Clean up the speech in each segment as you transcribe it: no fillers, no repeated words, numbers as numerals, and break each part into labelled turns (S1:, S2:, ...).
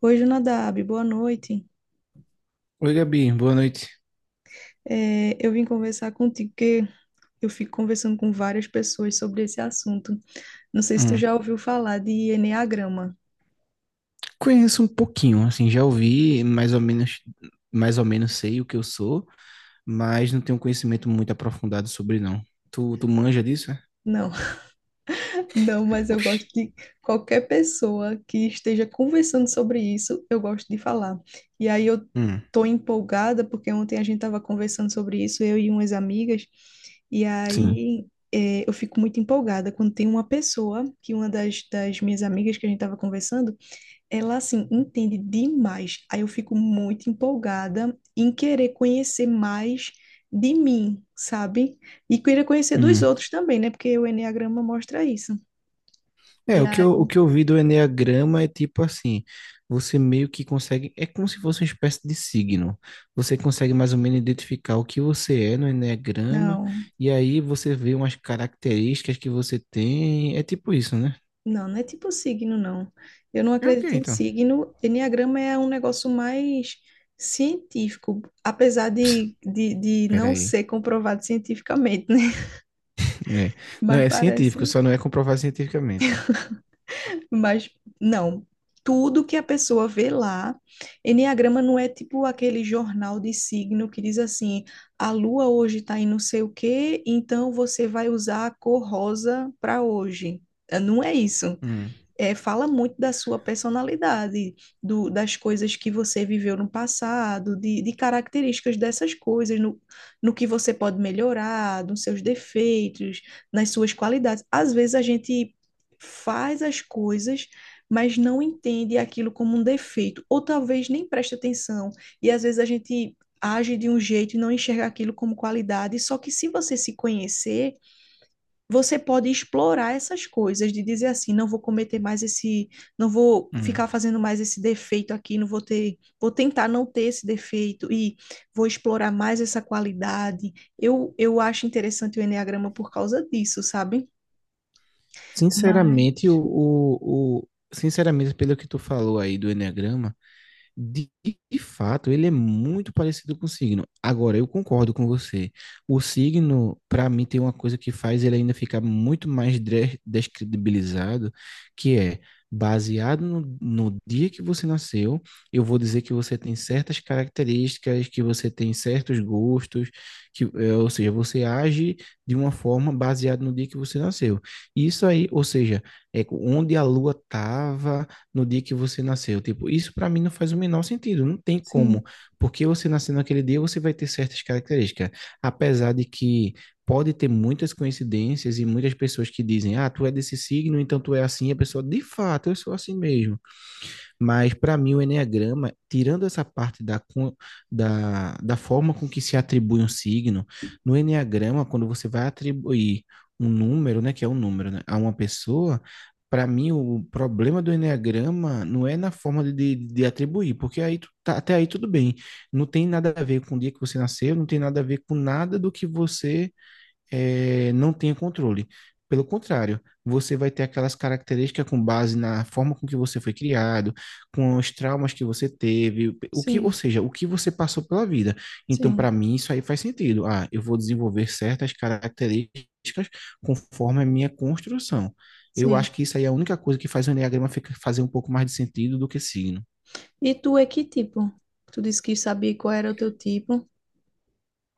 S1: Oi, Jonadab, boa noite.
S2: Oi, Gabi, boa noite.
S1: Eu vim conversar contigo porque eu fico conversando com várias pessoas sobre esse assunto. Não sei se tu
S2: Hum,
S1: já ouviu falar de eneagrama.
S2: Conheço um pouquinho, assim, já ouvi mais ou menos sei o que eu sou, mas não tenho conhecimento muito aprofundado sobre, não. Tu manja disso, é?
S1: Não, não, mas eu
S2: Oxi.
S1: gosto de qualquer pessoa que esteja conversando sobre isso, eu gosto de falar. E aí eu
S2: Hum,
S1: tô empolgada porque ontem a gente estava conversando sobre isso, eu e umas amigas, e
S2: sim.
S1: aí eu fico muito empolgada quando tem uma pessoa, que uma das minhas amigas que a gente estava conversando. Ela, assim, entende demais. Aí eu fico muito empolgada em querer conhecer mais de mim, sabe? E querer conhecer dos
S2: Hum.
S1: outros também, né? Porque o enneagrama mostra isso.
S2: É,
S1: E
S2: o que eu,
S1: aí,
S2: o que eu vi do enneagrama é tipo assim, você meio que consegue, é como se fosse uma espécie de signo. Você consegue mais ou menos identificar o que você é no enneagrama,
S1: não,
S2: e aí você vê umas características que você tem, é tipo isso, né?
S1: não, não é tipo signo, não. Eu não
S2: É o que
S1: acredito em
S2: então?
S1: signo. Enneagrama é um negócio mais científico, apesar de não
S2: Peraí.
S1: ser comprovado cientificamente, né?
S2: É. Não,
S1: Mas
S2: é científico,
S1: parece.
S2: só não é comprovado cientificamente.
S1: Mas não. Tudo que a pessoa vê lá, enneagrama não é tipo aquele jornal de signo que diz assim: a lua hoje está em não sei o quê, então você vai usar a cor rosa para hoje. Não é isso,
S2: Hum,
S1: fala muito da sua personalidade, das coisas que você viveu no passado, de características dessas coisas, no que você pode melhorar, nos seus defeitos, nas suas qualidades. Às vezes a gente faz as coisas, mas não entende aquilo como um defeito, ou talvez nem preste atenção, e às vezes a gente age de um jeito e não enxerga aquilo como qualidade, só que se você se conhecer, você pode explorar essas coisas, de dizer assim, não vou cometer mais esse, não vou
S2: hum.
S1: ficar fazendo mais esse defeito aqui, não vou ter, vou tentar não ter esse defeito e vou explorar mais essa qualidade. Eu acho interessante o enneagrama por causa disso, sabe? Mas,
S2: Sinceramente, o- sinceramente, pelo que tu falou aí do Eneagrama, De, de fato, ele é muito parecido com o signo. Agora, eu concordo com você. O signo, para mim, tem uma coisa que faz ele ainda ficar muito mais descredibilizado, que é baseado no dia que você nasceu, eu vou dizer que você tem certas características, que você tem certos gostos, que, ou seja, você age de uma forma baseada no dia que você nasceu. Isso aí, ou seja, é onde a lua estava no dia que você nasceu. Tipo, isso para mim não faz o menor sentido, não tem como.
S1: sim,
S2: Porque você nascendo naquele dia, você vai ter certas características. Apesar de que pode ter muitas coincidências e muitas pessoas que dizem, ah, tu é desse signo, então tu é assim, a pessoa, de fato, eu sou assim mesmo. Mas, para mim, o Enneagrama, tirando essa parte da forma com que se atribui um signo, no Enneagrama, quando você vai atribuir um número, né, que é um número, né, a uma pessoa, para mim, o problema do enneagrama não é na forma de atribuir, porque aí até aí tudo bem. Não tem nada a ver com o dia que você nasceu, não tem nada a ver com nada do que você não tenha controle. Pelo contrário, você vai ter aquelas características com base na forma com que você foi criado, com os traumas que você teve, o que, ou
S1: sim,
S2: seja, o que você passou pela vida. Então,
S1: sim,
S2: para mim, isso aí faz sentido. Ah, eu vou desenvolver certas características conforme a minha construção. Eu
S1: sim.
S2: acho que isso aí é a única coisa que faz o enneagrama fazer um pouco mais de sentido do que signo.
S1: E tu é que tipo? Tu disse que sabia qual era o teu tipo.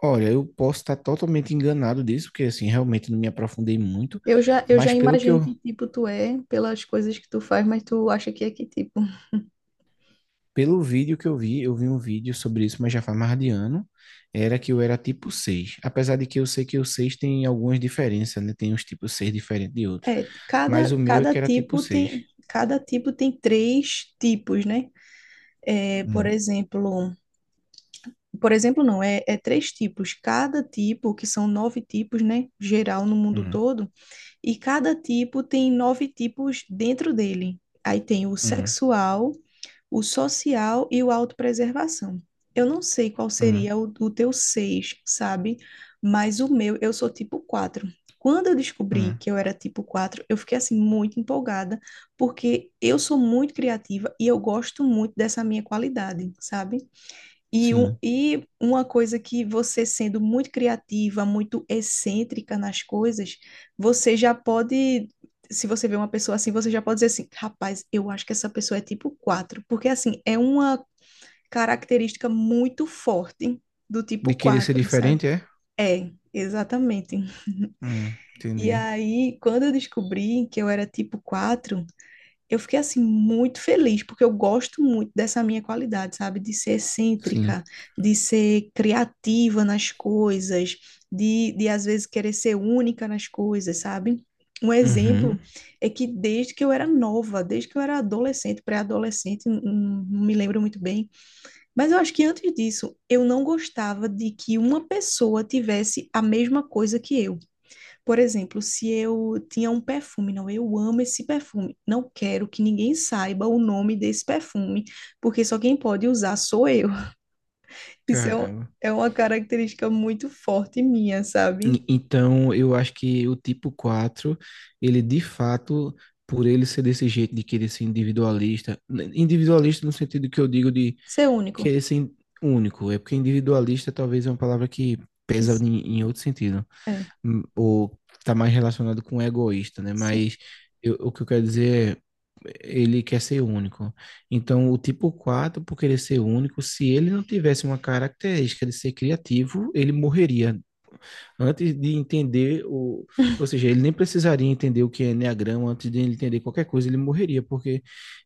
S2: Olha, eu posso estar totalmente enganado disso, porque assim, realmente não me aprofundei muito,
S1: Eu já
S2: mas pelo que
S1: imagino
S2: eu
S1: que tipo tu é pelas coisas que tu faz, mas tu acha que é que tipo?
S2: pelo vídeo que eu vi um vídeo sobre isso, mas já faz mais de ano, era que eu era tipo seis. Apesar de que eu sei que o 6 tem algumas diferenças, né? Tem uns tipo 6 diferentes de outros.
S1: É,
S2: Mas
S1: cada,
S2: o meu é
S1: cada
S2: que era tipo
S1: tipo
S2: seis.
S1: tem, cada tipo tem três tipos, né? É, por
S2: Hum,
S1: exemplo, por exemplo, não, é três tipos. Cada tipo, que são nove tipos, né? Geral no mundo
S2: hum,
S1: todo, e cada tipo tem nove tipos dentro dele. Aí tem o
S2: hum,
S1: sexual, o social e o autopreservação. Eu não sei qual
S2: hum,
S1: seria o teu seis, sabe? Mas o meu, eu sou tipo quatro. Quando eu descobri
S2: hum.
S1: que eu era tipo quatro, eu fiquei assim muito empolgada, porque eu sou muito criativa e eu gosto muito dessa minha qualidade, sabe?
S2: Sim.
S1: E uma coisa que você sendo muito criativa, muito excêntrica nas coisas, você já pode, se você vê uma pessoa assim, você já pode dizer assim, rapaz, eu acho que essa pessoa é tipo 4 porque assim, é uma característica muito forte do tipo
S2: De querer ser
S1: quatro, sabe?
S2: diferente, é?
S1: É, exatamente. E
S2: Entendi.
S1: aí, quando eu descobri que eu era tipo quatro, eu fiquei assim muito feliz, porque eu gosto muito dessa minha qualidade, sabe? De ser
S2: Sim.
S1: excêntrica, de ser criativa nas coisas, de às vezes querer ser única nas coisas, sabe? Um
S2: Uhum.
S1: exemplo é que desde que eu era nova, desde que eu era adolescente, pré-adolescente, não me lembro muito bem, mas eu acho que antes disso, eu não gostava de que uma pessoa tivesse a mesma coisa que eu. Por exemplo, se eu tinha um perfume, não, eu amo esse perfume, não quero que ninguém saiba o nome desse perfume, porque só quem pode usar sou eu. Isso é, um-
S2: Caramba.
S1: É uma característica muito forte minha, sabe?
S2: Então, eu acho que o tipo 4 ele de fato, por ele ser desse jeito de querer ser individualista, individualista no sentido que eu digo de
S1: Ser único.
S2: querer ser único, é porque individualista talvez é uma palavra que
S1: Que,
S2: pesa
S1: s-
S2: em outro sentido,
S1: É,
S2: ou está mais relacionado com egoísta, né?
S1: sim,
S2: Mas o que eu quero dizer é, ele quer ser único. Então, o tipo 4, por querer ser único, se ele não tivesse uma característica de ser criativo, ele morreria antes de entender o. Ou seja, ele nem precisaria entender o que é Enneagrama, antes de ele entender qualquer coisa, ele morreria, porque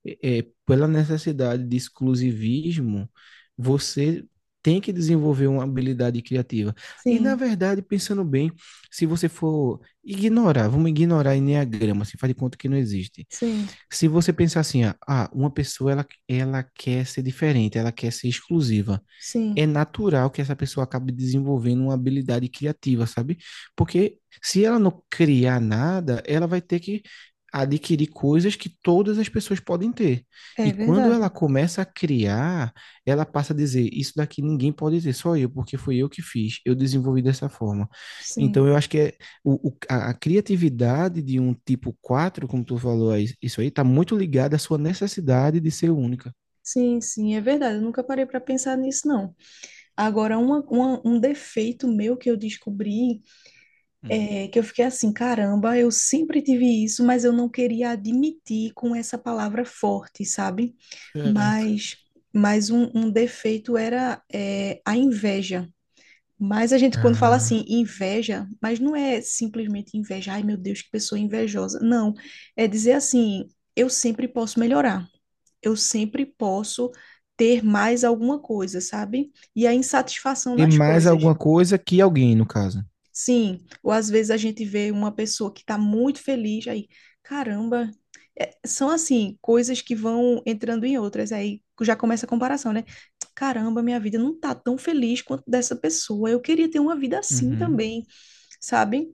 S2: pela necessidade de exclusivismo, você tem que desenvolver uma habilidade criativa. E, na
S1: sim,
S2: verdade, pensando bem, se você for ignorar, vamos ignorar Enneagrama, se faz de conta que não existe.
S1: sim,
S2: Se você pensar assim, ah, uma pessoa, ela quer ser diferente, ela quer ser exclusiva, é
S1: sim,
S2: natural que essa pessoa acabe desenvolvendo uma habilidade criativa, sabe? Porque se ela não criar nada, ela vai ter que adquirir coisas que todas as pessoas podem ter.
S1: é
S2: E quando
S1: verdade,
S2: ela começa a criar, ela passa a dizer: Isso daqui ninguém pode ter, só eu, porque fui eu que fiz, eu desenvolvi dessa forma. Então,
S1: sim.
S2: eu acho que é a criatividade de um tipo 4, como tu falou, aí, isso aí, está muito ligada à sua necessidade de ser única.
S1: Sim, sim, é verdade. Eu nunca parei para pensar nisso, não. Agora, um defeito meu que eu descobri,
S2: Hum,
S1: Que eu fiquei assim, caramba, eu sempre tive isso, mas eu não queria admitir com essa palavra forte, sabe?
S2: certo.
S1: Mas, mas um defeito era a inveja. Mas a gente, quando fala
S2: Ah,
S1: assim, inveja, mas não é simplesmente inveja, ai meu Deus, que pessoa invejosa. Não, é dizer assim, eu sempre posso melhorar, eu sempre posso ter mais alguma coisa, sabe? E a insatisfação
S2: ter
S1: nas
S2: mais
S1: coisas.
S2: alguma coisa que alguém, no caso.
S1: Sim, ou às vezes a gente vê uma pessoa que está muito feliz, aí, caramba, são assim, coisas que vão entrando em outras, aí já começa a comparação, né? Caramba, minha vida não tá tão feliz quanto dessa pessoa, eu queria ter uma vida assim
S2: Uhum.
S1: também, sabe?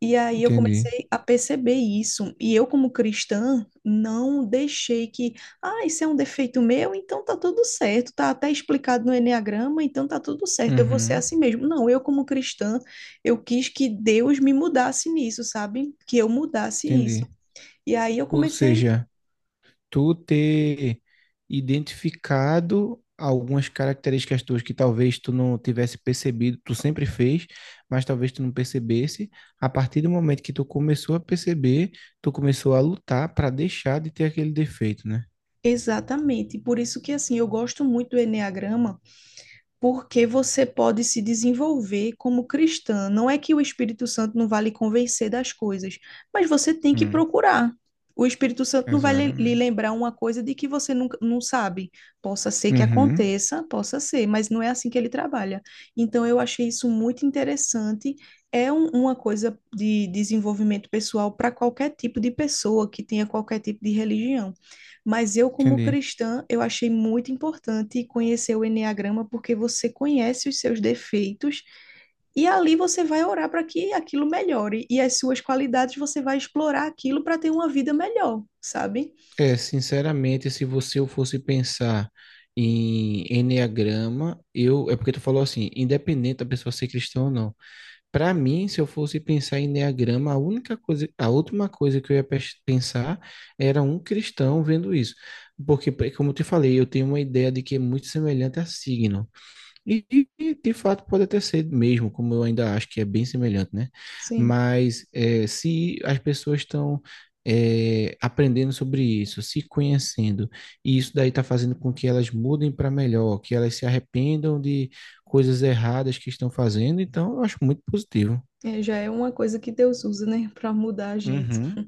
S1: E aí eu
S2: Entendi.
S1: comecei a perceber isso. E eu, como cristã, não deixei que, ah, isso é um defeito meu, então tá tudo certo, tá até explicado no enneagrama, então tá tudo certo, eu vou ser
S2: Uhum,
S1: assim mesmo. Não, eu, como cristã, eu quis que Deus me mudasse nisso, sabe? Que eu mudasse isso.
S2: entendi.
S1: E aí eu
S2: Ou
S1: comecei,
S2: seja, tu ter identificado algumas características tuas que talvez tu não tivesse percebido, tu sempre fez, mas talvez tu não percebesse. A partir do momento que tu começou a perceber, tu começou a lutar para deixar de ter aquele defeito, né?
S1: exatamente. Por isso que assim, eu gosto muito do enneagrama porque você pode se desenvolver como cristã. Não é que o Espírito Santo não vai lhe convencer das coisas, mas você tem que
S2: Hum,
S1: procurar. O Espírito Santo não vai lhe
S2: exatamente.
S1: lembrar uma coisa de que você nunca, não sabe. Possa ser que
S2: Uhum,
S1: aconteça, possa ser, mas não é assim que ele trabalha. Então, eu achei isso muito interessante. Uma coisa de desenvolvimento pessoal para qualquer tipo de pessoa que tenha qualquer tipo de religião. Mas eu, como
S2: entendi.
S1: cristã, eu achei muito importante conhecer o enneagrama porque você conhece os seus defeitos e ali você vai orar para que aquilo melhore e as suas qualidades você vai explorar aquilo para ter uma vida melhor, sabe?
S2: É, sinceramente, se você eu fosse pensar em enneagrama, eu, é porque tu falou assim, independente da pessoa ser cristã ou não. Para mim, se eu fosse pensar em enneagrama, a única coisa, a última coisa que eu ia pensar era um cristão vendo isso. Porque, como eu te falei, eu tenho uma ideia de que é muito semelhante a signo. E, e, de fato pode até ser mesmo, como eu ainda acho que é bem semelhante, né?
S1: Sim.
S2: Mas é, se as pessoas estão é, aprendendo sobre isso, se conhecendo, e isso daí está fazendo com que elas mudem para melhor, que elas se arrependam de coisas erradas que estão fazendo, então eu acho muito positivo.
S1: É, já é uma coisa que Deus usa, né, para mudar a gente.
S2: Uhum,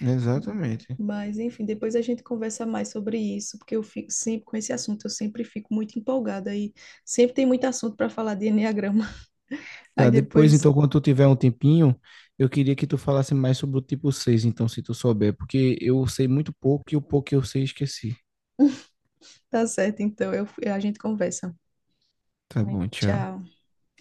S2: exatamente.
S1: Mas, enfim, depois a gente conversa mais sobre isso, porque eu fico sempre com esse assunto, eu sempre fico muito empolgada e sempre tem muito assunto para falar de enneagrama. Aí
S2: Tá, depois,
S1: depois,
S2: então, quando tu tiver um tempinho, eu queria que tu falasse mais sobre o tipo 6, então, se tu souber, porque eu sei muito pouco e o pouco que eu sei esqueci.
S1: tá certo, a gente conversa.
S2: Tá bom, tchau.
S1: Tchau.